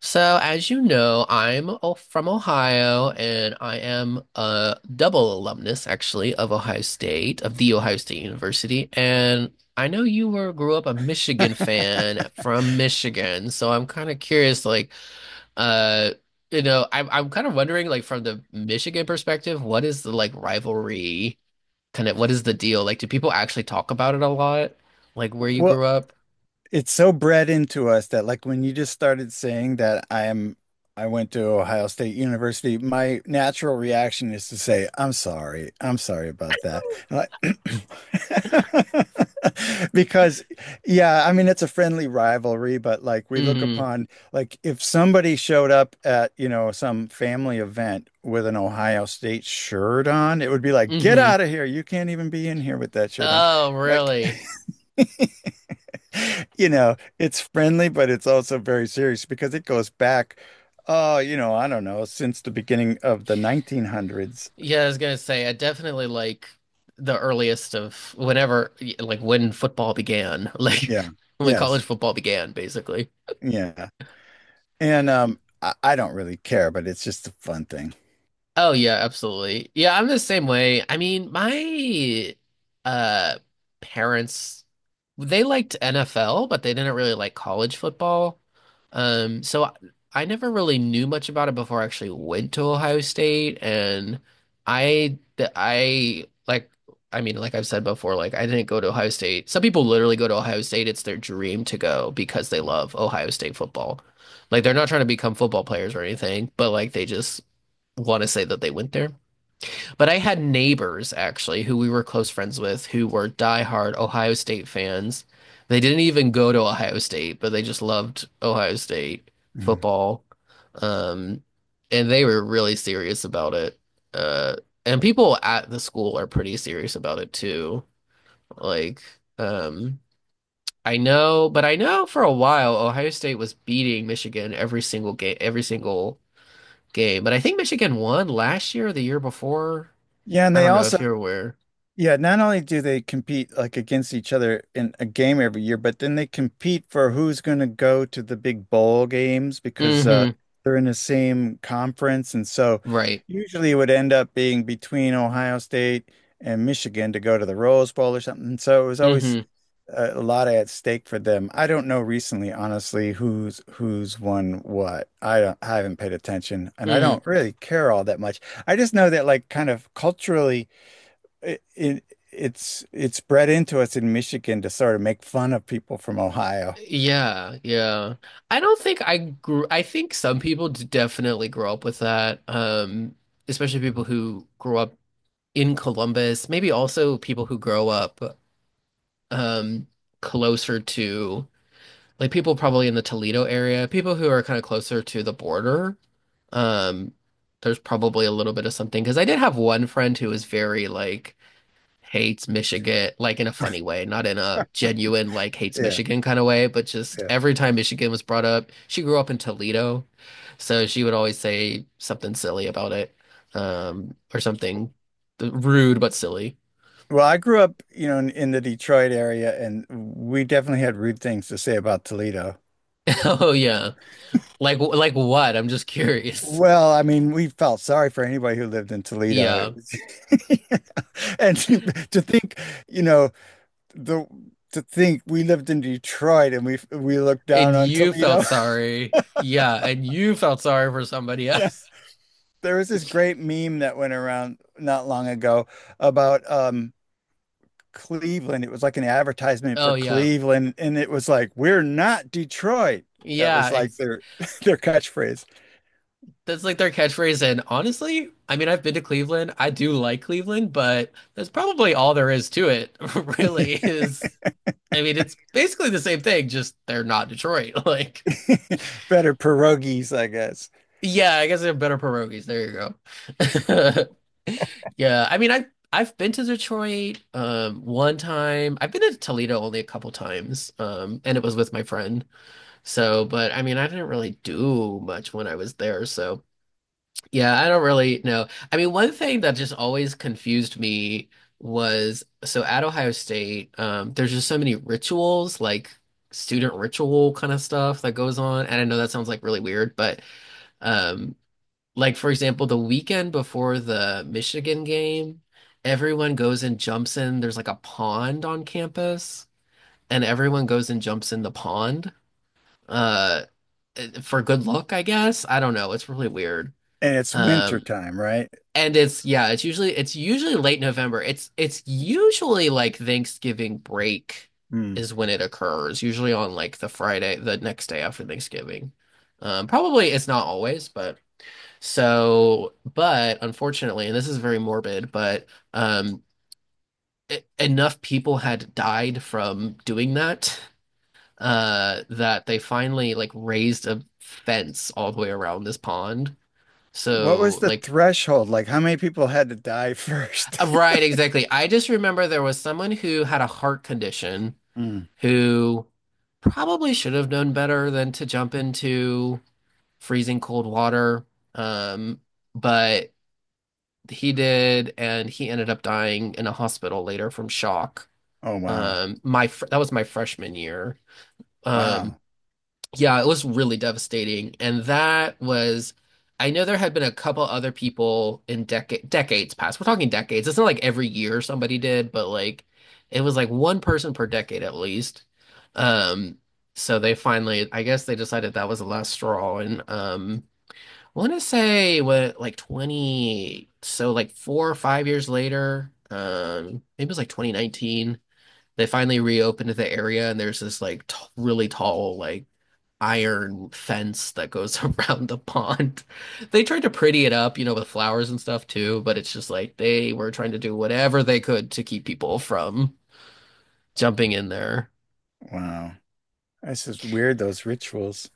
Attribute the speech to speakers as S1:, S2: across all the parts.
S1: So, as you know, I'm from Ohio and I am a double alumnus, actually, of Ohio State, of the Ohio State University. And I know you were grew up a Michigan fan from Michigan. So I'm kind of curious, like, uh, I'm kind of wondering, like, from the Michigan perspective, what is the like rivalry? Kind of, what is the deal? Like, do people actually talk about it a lot? Like, where you
S2: Well,
S1: grew up?
S2: it's so bred into us that like when you just started saying that I went to Ohio State University, my natural reaction is to say, I'm sorry. I'm sorry about that. Because yeah, I mean it's a friendly rivalry, but like we look
S1: Mm-hmm.
S2: upon like if somebody showed up at, you know, some family event with an Ohio State shirt on, it would be like, get
S1: Mm-hmm.
S2: out of here. You can't even be in here with that shirt on.
S1: Oh,
S2: Like
S1: really?
S2: You know, it's friendly, but it's also very serious because it goes back, oh, you know, I don't know, since the beginning of the 1900s.
S1: Yeah, I was gonna say, I definitely like the earliest of whenever, like when football began,
S2: Yeah.
S1: like when college
S2: Yes.
S1: football began, basically.
S2: Yeah. And I don't really care, but it's just a fun thing.
S1: Oh yeah, absolutely. Yeah, I'm the same way. I mean, my uh parents they liked NFL, but they didn't really like college football. So I never really knew much about it before I actually went to Ohio State and I like I mean, like I've said before, like I didn't go to Ohio State. Some people literally go to Ohio State. It's their dream to go because they love Ohio State football. Like they're not trying to become football players or anything, but like they just want to say that they went there. But I had neighbors actually who we were close friends with who were diehard Ohio State fans. They didn't even go to Ohio State, but they just loved Ohio State
S2: Mhm.
S1: football. Um, and they were really serious about it. Uh, and people at the school are pretty serious about it too. Like, um, I know, but I know for a while Ohio State was beating Michigan every single game, every single game. But I think Michigan won last year or the year before.
S2: Yeah, and
S1: I
S2: they
S1: don't know if
S2: also
S1: you're aware.
S2: yeah, not only do they compete like against each other in a game every year, but then they compete for who's going to go to the big bowl games because
S1: Hmm.
S2: they're in the same conference. And so
S1: Right.
S2: usually it would end up being between Ohio State and Michigan to go to the Rose Bowl or something. So it was always
S1: Hmm.
S2: a lot at stake for them. I don't know recently, honestly, who's won what. I don't, I haven't paid attention and I
S1: Mm.
S2: don't really care all that much. I just know that like kind of culturally it, it it's bred into us in Michigan to sort of make fun of people from Ohio.
S1: Yeah, yeah. I don't think I think some people definitely grow up with that. Especially people who grow up in Columbus, maybe also people who grow up um closer to like people probably in the Toledo area, people who are kind of closer to the border. Um, there's probably a little bit of something because I did have one friend who was very like hates Michigan, like in a funny way, not in a genuine like hates
S2: Yeah,
S1: Michigan kind of way, but just
S2: yeah.
S1: every time Michigan was brought up, she grew up in Toledo, so she would always say something silly about it, or something rude but silly.
S2: Well, I grew up, you know, in the Detroit area, and we definitely had rude things to say about Toledo.
S1: Oh yeah, like what? I'm just curious.
S2: Well, I mean, we felt sorry for anybody who lived in Toledo. It
S1: Yeah.
S2: was- And to think, you know, the to think we lived in Detroit and we looked
S1: And
S2: down on
S1: you felt
S2: Toledo.
S1: sorry. Yeah, and you felt sorry for somebody
S2: Yeah.
S1: else.
S2: There was this great meme that went around not long ago about Cleveland. It was like an advertisement for
S1: Oh yeah.
S2: Cleveland and it was like, "We're not Detroit." That
S1: Yeah,
S2: was like
S1: ex
S2: their their catchphrase.
S1: that's like their catchphrase. And honestly, I mean, I've been to Cleveland. I do like Cleveland, but that's probably all there is to it, really, is I mean, it's basically the same thing, just they're not Detroit. Like,
S2: Better pierogies, I guess.
S1: yeah, I guess they're better pierogies. There you go. Yeah, I mean, I've been to Detroit one time. I've been to Toledo only a couple times. And it was with my friend. So, but I mean, I didn't really do much when I was there, so. Yeah, I don't really know. I mean, one thing that just always confused me was so at Ohio State, there's just so many rituals, like student ritual kind of stuff that goes on. And I know that sounds like really weird, but um, like for example, the weekend before the Michigan game, everyone goes and jumps in. There's like a pond on campus, and everyone goes and jumps in the pond, uh, for good luck, I guess. I don't know. It's really weird.
S2: And it's winter
S1: Um,
S2: time, right?
S1: and it's usually late November. It's usually like Thanksgiving break
S2: Hmm.
S1: is when it occurs, usually on like the Friday, the next day after Thanksgiving. Probably it's not always, but. So, but unfortunately, and this is very morbid, but um enough people had died from doing that that they finally like raised a fence all the way around this pond.
S2: What was
S1: So
S2: the
S1: like.
S2: threshold? Like how many people had to die first?
S1: Right, exactly. I just remember there was someone who had a heart condition
S2: Hmm.
S1: who probably should have known better than to jump into freezing cold water. Um, but he did, and he ended up dying in a hospital later from shock.
S2: Oh wow.
S1: My fr That was my freshman year. Um,
S2: Wow.
S1: yeah, it was really devastating. And that was, I know there had been a couple other people in decades past. We're talking decades. It's not like every year somebody did, but like it was like one person per decade at least. Um, so they finally, I guess they decided that was the last straw. And I want to say what like 20, so like 4 or 5 years later, maybe it was like 2019. They finally reopened the area, and there's this like t really tall like iron fence that goes around the pond. They tried to pretty it up, with flowers and stuff too, but it's just like they were trying to do whatever they could to keep people from jumping in there.
S2: Wow. It's just weird, those rituals.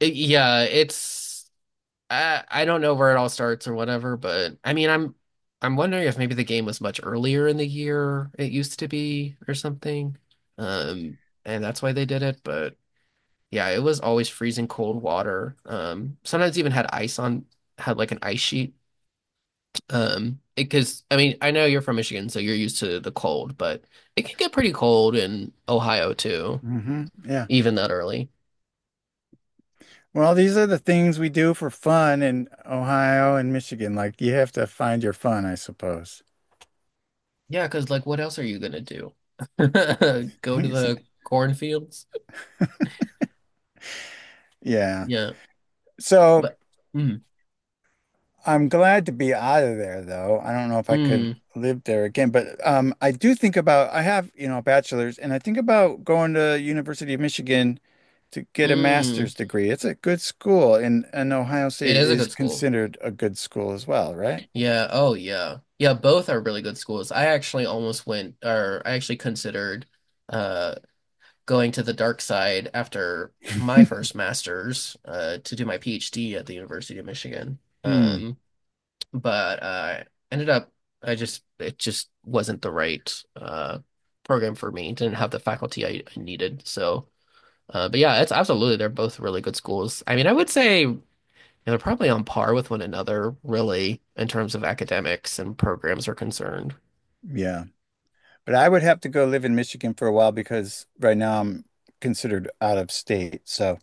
S1: Yeah, I don't know where it all starts or whatever, but I mean, I'm wondering if maybe the game was much earlier in the year it used to be or something. Um, and that's why they did it, but. Yeah, it was always freezing cold water. Sometimes even had ice on, had like an ice sheet. Because I mean, I know you're from Michigan, so you're used to the cold, but it can get pretty cold in Ohio too,
S2: Hmm. Yeah.
S1: even that early.
S2: Well, these are the things we do for fun in Ohio and Michigan. Like you have to find your fun, I suppose.
S1: Yeah, because like, what else are you gonna do? Go to the cornfields?
S2: Yeah.
S1: Yeah,
S2: So
S1: but. Mm,
S2: I'm glad to be out of there, though. I don't know if I could
S1: mm,
S2: live there again, but I do think about I have, you know, a bachelor's, and I think about going to University of Michigan to get a
S1: mm.
S2: master's degree. It's a good school, and Ohio
S1: It
S2: State
S1: is a
S2: is
S1: good school.
S2: considered a good school as well, right?
S1: Yeah. Oh, yeah. Yeah. Both are really good schools. I actually almost went, or I actually considered uh. going to the dark side after my first master's to do my PhD at the University of Michigan.
S2: Hmm.
S1: Um, but I ended up, I just it just wasn't the right program for me. Didn't have the faculty I needed. So, but yeah, it's absolutely. They're both really good schools. I mean, I would say. They're probably on par with one another, really, in terms of academics and programs are concerned.
S2: Yeah. But I would have to go live in Michigan for a while because right now I'm considered out of state. So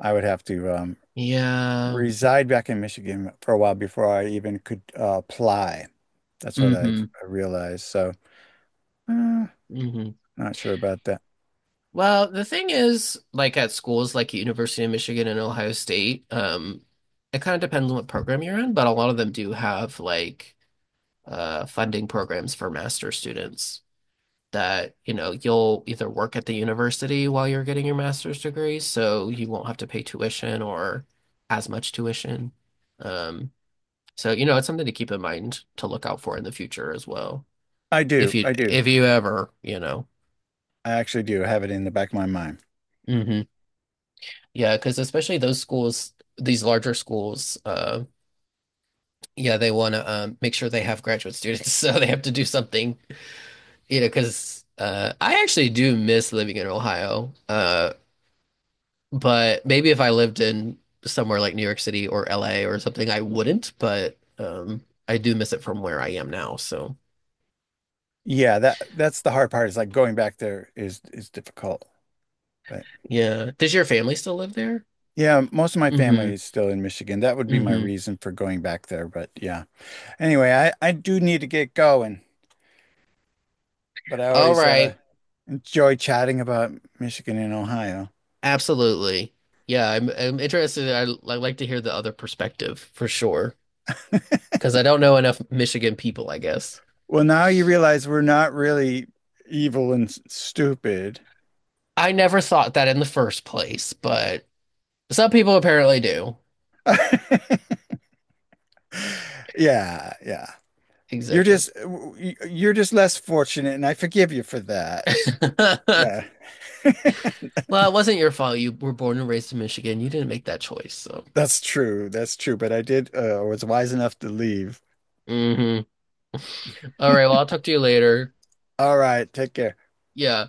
S2: I would have to
S1: Yeah.
S2: reside back in Michigan for a while before I even could apply. That's what I've
S1: Hmm.
S2: I realized. So uh,
S1: Hmm.
S2: not sure about that.
S1: Well, the thing is, like at schools like University of Michigan and Ohio State, it kind of depends on what program you're in, but a lot of them do have like funding programs for master students that, you'll either work at the university while you're getting your master's degree, so you won't have to pay tuition or as much tuition. Um, so, it's something to keep in mind to look out for in the future as well.
S2: I
S1: If
S2: do.
S1: you
S2: I do.
S1: if you ever.
S2: I actually do have it in the back of my mind.
S1: Yeah, because especially those schools, these larger schools, yeah, they want to make sure they have graduate students, so they have to do something. Because I actually do miss living in Ohio, but maybe if I lived in somewhere like New York City or LA or something, I wouldn't. But I do miss it from where I am now. So
S2: Yeah, that that's the hard part is like going back there is difficult. But
S1: yeah, does your family still live there?
S2: yeah, most of my
S1: Mm-hmm.
S2: family is still in Michigan. That would be my
S1: Mm-hmm.
S2: reason for going back there. But yeah. Anyway, I do need to get going. But I
S1: All
S2: always
S1: right.
S2: enjoy chatting about Michigan and Ohio.
S1: Absolutely. Yeah, I'm interested. I like to hear the other perspective for sure. Because I don't know enough Michigan people, I guess.
S2: Well, now you realize we're not really evil and stupid.
S1: I never thought that in the first place, but some people apparently do.
S2: Yeah, yeah. You're
S1: Exactly.
S2: just you're just less fortunate, and I forgive you for that.
S1: Well,
S2: Yeah,
S1: it wasn't your fault. You were born and raised in Michigan. You didn't make that choice, so.
S2: that's true. That's true. But I did was wise enough to leave.
S1: Mhm. All right, well, I'll talk to you later.
S2: All right, take care.
S1: Yeah.